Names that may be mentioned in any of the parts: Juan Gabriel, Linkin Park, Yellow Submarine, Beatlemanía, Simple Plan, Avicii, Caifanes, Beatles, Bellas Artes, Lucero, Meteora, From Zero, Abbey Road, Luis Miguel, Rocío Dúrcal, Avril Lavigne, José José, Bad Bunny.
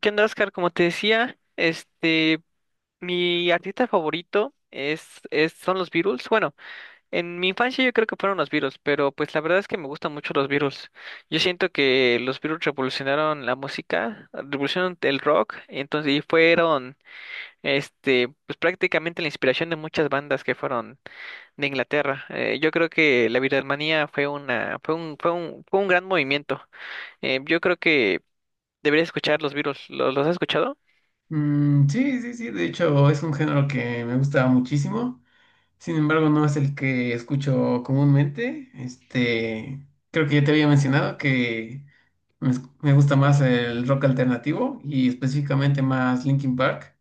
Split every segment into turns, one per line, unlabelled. ¿Qué onda, Oscar? Como te decía, mi artista favorito son los Beatles. Bueno, en mi infancia yo creo que fueron los Beatles, pero pues la verdad es que me gustan mucho los Beatles. Yo siento que los Beatles revolucionaron la música, revolucionaron el rock, pues prácticamente la inspiración de muchas bandas que fueron de Inglaterra. Yo creo que la Beatlemanía fue una, fue un, fue un, fue un gran movimiento. Yo creo que deberías escuchar los Beatles. Los has escuchado?
Sí, sí, sí, de hecho es un género que me gusta muchísimo, sin embargo no es el que escucho comúnmente, este, creo que ya te había mencionado que me gusta más el rock alternativo y específicamente más Linkin Park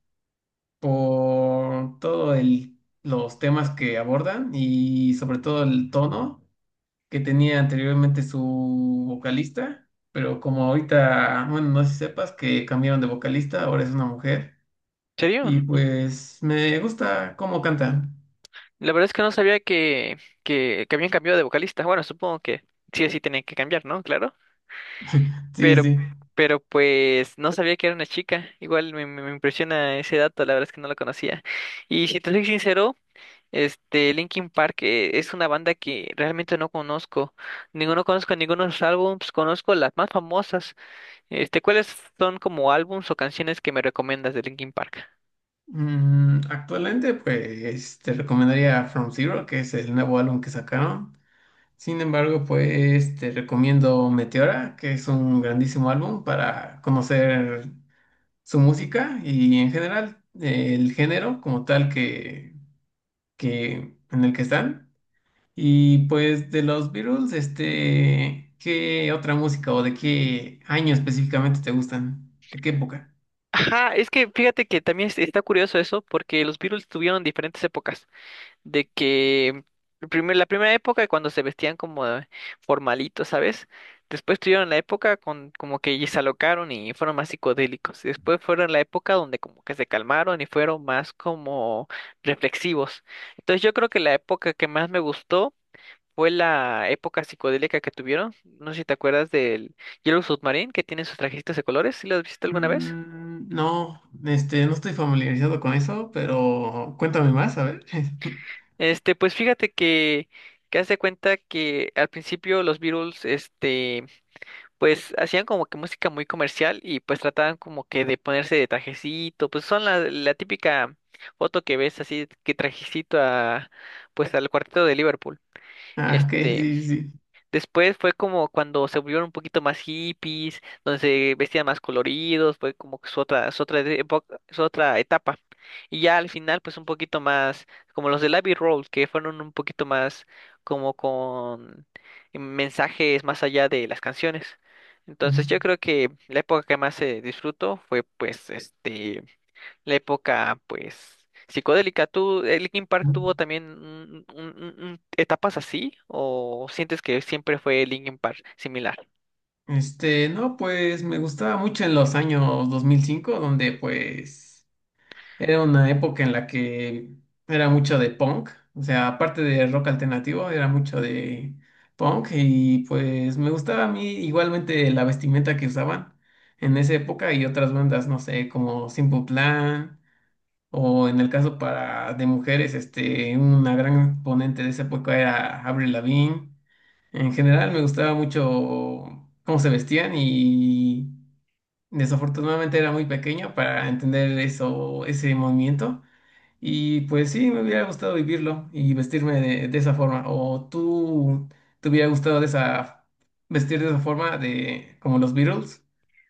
por los temas que abordan y sobre todo el tono que tenía anteriormente su vocalista, pero como ahorita, bueno, no sé si sepas que cambiaron de vocalista, ahora es una mujer.
¿En serio?
Y pues me gusta cómo canta.
La verdad es que no sabía que habían cambiado de vocalista. Bueno, supongo que sí o sí tenían que cambiar, ¿no? Claro.
Sí, sí,
Pero,
sí.
pero pues no sabía que era una chica. Igual me impresiona ese dato, la verdad es que no lo conocía. Y si te soy sincero, este Linkin Park es una banda que realmente no conozco. Ninguno Conozco ninguno de sus álbumes, conozco las más famosas. ¿Cuáles son como álbums o canciones que me recomiendas de Linkin Park?
Actualmente pues te recomendaría From Zero, que es el nuevo álbum que sacaron. Sin embargo, pues te recomiendo Meteora, que es un grandísimo álbum para conocer su música y en general el género como tal que en el que están. Y pues de los Beatles, este, ¿qué otra música o de qué año específicamente te gustan? ¿De qué época?
Ajá, es que fíjate que está curioso eso, porque los Beatles tuvieron diferentes épocas. De que La primera época cuando se vestían como formalitos, ¿sabes? Después tuvieron la época con como que y se alocaron y fueron más psicodélicos. Y después fueron la época donde como que se calmaron y fueron más como reflexivos. Entonces yo creo que la época que más me gustó fue la época psicodélica que tuvieron. No sé si te acuerdas del Yellow Submarine que tiene sus trajecitos de colores. ¿Sí lo has visto alguna vez?
Mm, no, este, no estoy familiarizado con eso, pero cuéntame más, a ver.
Pues fíjate que hace cuenta que al principio los Beatles, pues hacían como que música muy comercial y pues trataban como que de ponerse de trajecito, pues son la típica foto que ves así que trajecito a pues al cuarteto de Liverpool.
Ah, ok,
Este,
sí, sí.
Después fue como cuando se volvieron un poquito más hippies, donde se vestían más coloridos, fue como que su otra etapa. Y ya al final, pues un poquito más, como los del Abbey Road, que fueron un poquito más como con mensajes más allá de las canciones.
Ujú,
Entonces yo creo que la época que más se disfrutó fue pues, la época, pues, psicodélica. ¿Tú, Linkin Park
ujú.
tuvo también etapas así? ¿O sientes que siempre fue Linkin Park similar?
Este, no, pues me gustaba mucho en los años 2005, donde pues era una época en la que era mucho de punk, o sea, aparte de rock alternativo, era mucho de punk y pues me gustaba a mí igualmente la vestimenta que usaban en esa época y otras bandas, no sé, como Simple Plan. O en el caso para de mujeres, este, una gran ponente de esa época era Avril Lavigne. En general me gustaba mucho cómo se vestían y desafortunadamente era muy pequeño para entender eso, ese movimiento. Y pues sí, me hubiera gustado vivirlo y vestirme de esa forma. ¿O tú te hubiera gustado de esa vestir de esa forma de como los Beatles?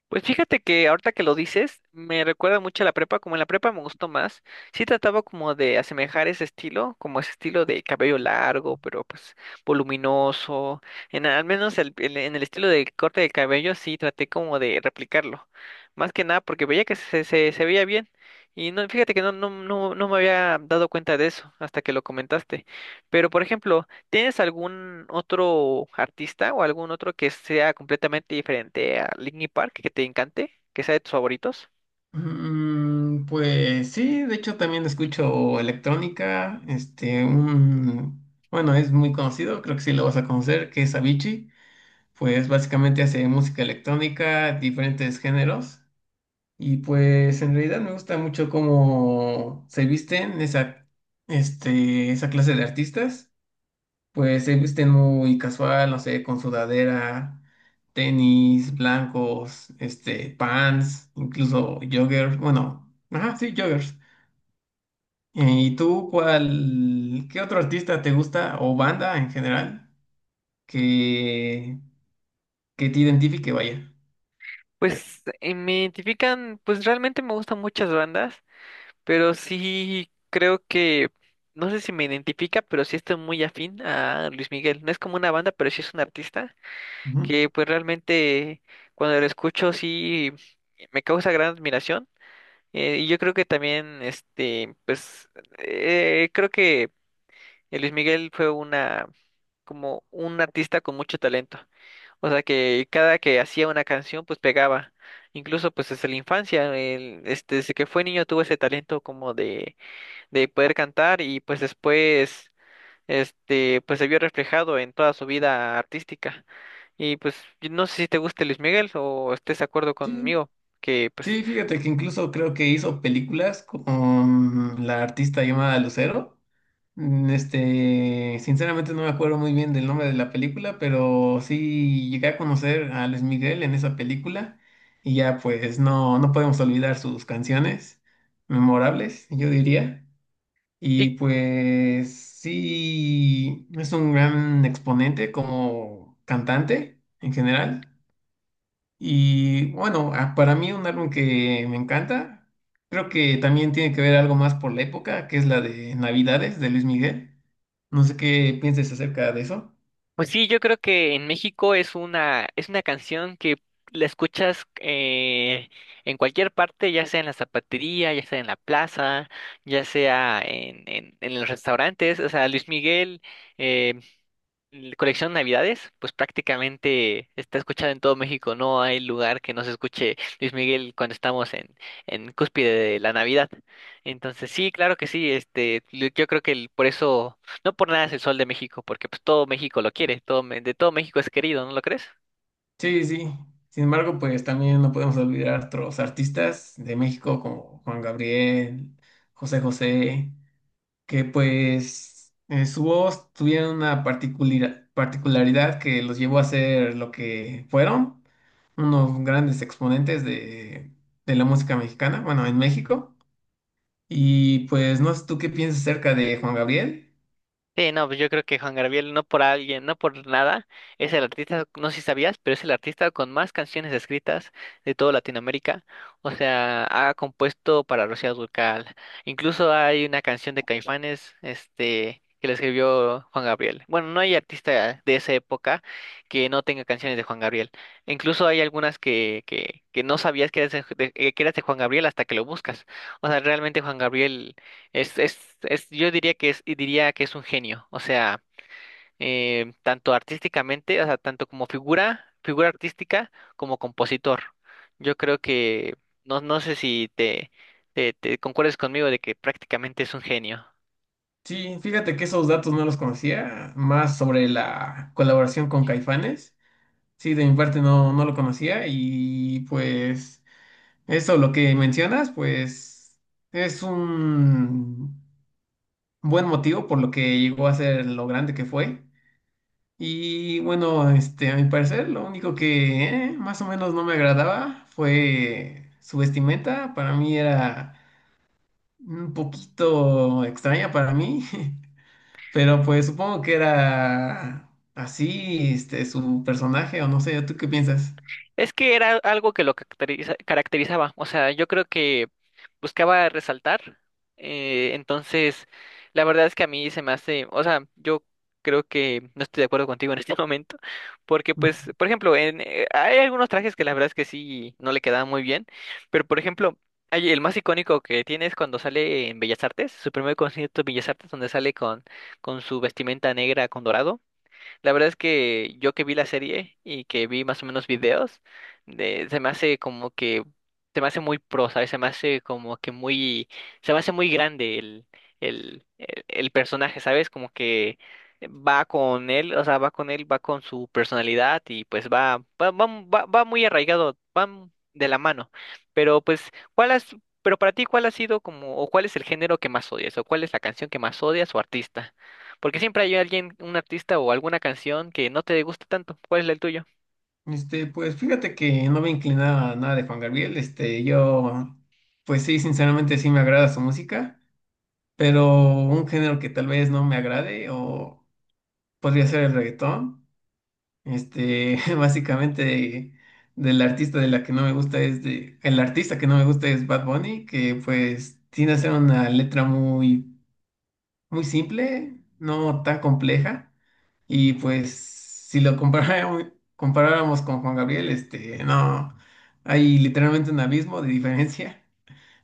Pues fíjate que ahorita que lo dices, me recuerda mucho a la prepa, como en la prepa me gustó más. Sí trataba como de asemejar ese estilo, como ese estilo de cabello largo, pero pues voluminoso. En al menos en el estilo de corte de cabello sí traté como de replicarlo. Más que nada porque veía que se veía bien. Y no, fíjate que no me había dado cuenta de eso hasta que lo comentaste. Pero por ejemplo, ¿tienes algún otro artista o algún otro que sea completamente diferente a Linkin Park que te encante, que sea de tus favoritos?
Pues sí, de hecho también escucho electrónica, este, un, bueno, es muy conocido, creo que sí lo vas a conocer, que es Avicii, pues básicamente hace música electrónica, diferentes géneros, y pues en realidad me gusta mucho cómo se visten esa, este, esa clase de artistas, pues se visten muy casual, no sé, con sudadera, tenis blancos, este, pants, incluso joggers. Bueno, ajá, sí, joggers. ¿Y tú qué otro artista te gusta o banda en general que, que te identifique, vaya?
Pues me identifican, pues realmente me gustan muchas bandas, pero sí creo que, no sé si me identifica, pero sí estoy muy afín a Luis Miguel. No es como una banda, pero sí es un artista
Ujú.
que pues realmente cuando lo escucho sí me causa gran admiración. Y yo creo que también, pues, creo que Luis Miguel como un artista con mucho talento. O sea que cada que hacía una canción, pues pegaba. Incluso pues desde la infancia, desde que fue niño tuvo ese talento como de poder cantar y pues después, pues se vio reflejado en toda su vida artística. Y pues yo no sé si te guste Luis Miguel o estés de acuerdo
Sí,
conmigo, que pues
sí, fíjate que incluso creo que hizo películas con la artista llamada Lucero. Sinceramente no me acuerdo muy bien del nombre de la película, pero sí llegué a conocer a Luis Miguel en esa película y ya pues no, no podemos olvidar sus canciones memorables, yo diría.
sí.
Y pues sí, es un gran exponente como cantante en general. Y bueno, para mí un álbum que me encanta, creo que también tiene que ver algo más por la época, que es la de Navidades de Luis Miguel. No sé qué pienses acerca de eso.
Pues sí, yo creo que en México es una canción que la escuchas en cualquier parte, ya sea en la zapatería, ya sea en la plaza, ya sea en los restaurantes. O sea, Luis Miguel, eh, colección Navidades, pues prácticamente está escuchado en todo México. No hay lugar que no se escuche Luis Miguel cuando estamos en cúspide de la Navidad. Entonces, sí, claro que sí. Yo creo que por eso, no por nada es el sol de México, porque pues todo México lo quiere, todo, me- de todo México es querido, ¿no lo crees?
Sí, sí. Sin embargo, pues también no podemos olvidar otros artistas de México como Juan Gabriel, José José, que pues en su voz tuvieron una particularidad que los llevó a ser lo que fueron, unos grandes exponentes de la música mexicana, bueno, en México. Y pues no sé tú qué piensas acerca de Juan Gabriel.
Sí, no, pues yo creo que Juan Gabriel, no por alguien, no por nada, es el artista, no sé si sabías, pero es el artista con más canciones escritas de toda Latinoamérica. O sea, ha compuesto para Rocío Dúrcal. Incluso hay una canción de Caifanes, que la escribió Juan Gabriel. Bueno, no hay artista de esa época que no tenga canciones de Juan Gabriel. Incluso hay algunas que no sabías que eras que eras de Juan Gabriel hasta que lo buscas. O sea, realmente Juan Gabriel. Es, yo diría que es, y diría que es un genio. O sea, tanto artísticamente, o sea, tanto como figura artística, como compositor. Yo creo que, no, no sé si te concuerdes conmigo de que prácticamente es un genio.
Sí, fíjate que esos datos no los conocía, más sobre la colaboración con Caifanes. Sí, de mi parte no, no lo conocía y pues eso, lo que mencionas, pues es un buen motivo por lo que llegó a ser lo grande que fue. Y bueno, este, a mi parecer, lo único que más o menos no me agradaba fue su vestimenta. Para mí era un poquito extraña para mí. Pero pues supongo que era así, este, su personaje, o no sé, ¿tú qué piensas?
Es que era algo que lo caracterizaba, o sea, yo creo que buscaba resaltar, entonces la verdad es que a mí se me hace, o sea, yo creo que no estoy de acuerdo contigo en este momento, porque pues, por ejemplo, hay algunos trajes que la verdad es que sí no le quedaban muy bien, pero por ejemplo, hay, el más icónico que tiene es cuando sale en Bellas Artes, su primer concierto en Bellas Artes, donde sale con su vestimenta negra con dorado. La verdad es que yo que vi la serie y que vi más o menos videos, se me hace como que, se me hace muy pro, ¿sabes? Se me hace como que muy, se me hace muy grande el personaje, ¿sabes? Como que va con él, o sea, va con él, va con su personalidad y pues va muy arraigado, van de la mano. Pero pues, pero para ti, ¿cuál ha sido como, o cuál es el género que más odias, o cuál es la canción que más odias o artista? Porque siempre hay alguien, un artista o alguna canción que no te gusta tanto. ¿Cuál es el tuyo?
Este, pues fíjate que no me inclinaba a nada de Juan Gabriel, este, yo, pues sí, sinceramente sí me agrada su música, pero un género que tal vez no me agrade, o podría ser el reggaetón, este, básicamente del artista de la que no me gusta es de, el artista que no me gusta es Bad Bunny, que pues tiene a ser una letra muy simple, no tan compleja. Y pues si lo comparáramos, comparáramos con Juan Gabriel, este, no, hay literalmente un abismo de diferencia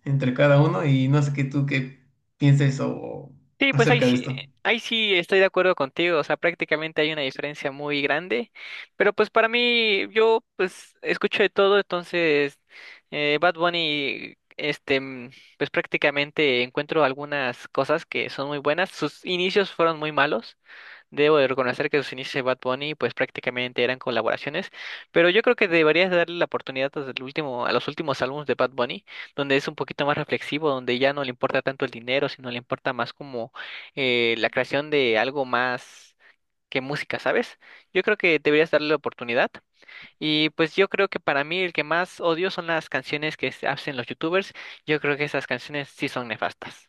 entre cada uno y no sé qué pienses o
Sí, pues
acerca de esto.
ahí sí estoy de acuerdo contigo. O sea, prácticamente hay una diferencia muy grande. Pero pues para mí, yo pues escucho de todo, entonces Bad Bunny, pues prácticamente encuentro algunas cosas que son muy buenas. Sus inicios fueron muy malos. Debo de reconocer que sus inicios de Bad Bunny pues prácticamente eran colaboraciones, pero yo creo que deberías darle la oportunidad a el último, a los últimos álbumes de Bad Bunny, donde es un poquito más reflexivo, donde ya no le importa tanto el dinero, sino le importa más como la creación de algo más que música, ¿sabes? Yo creo que deberías darle la oportunidad. Y pues yo creo que para mí el que más odio son las canciones que se hacen los youtubers. Yo creo que esas canciones sí son nefastas.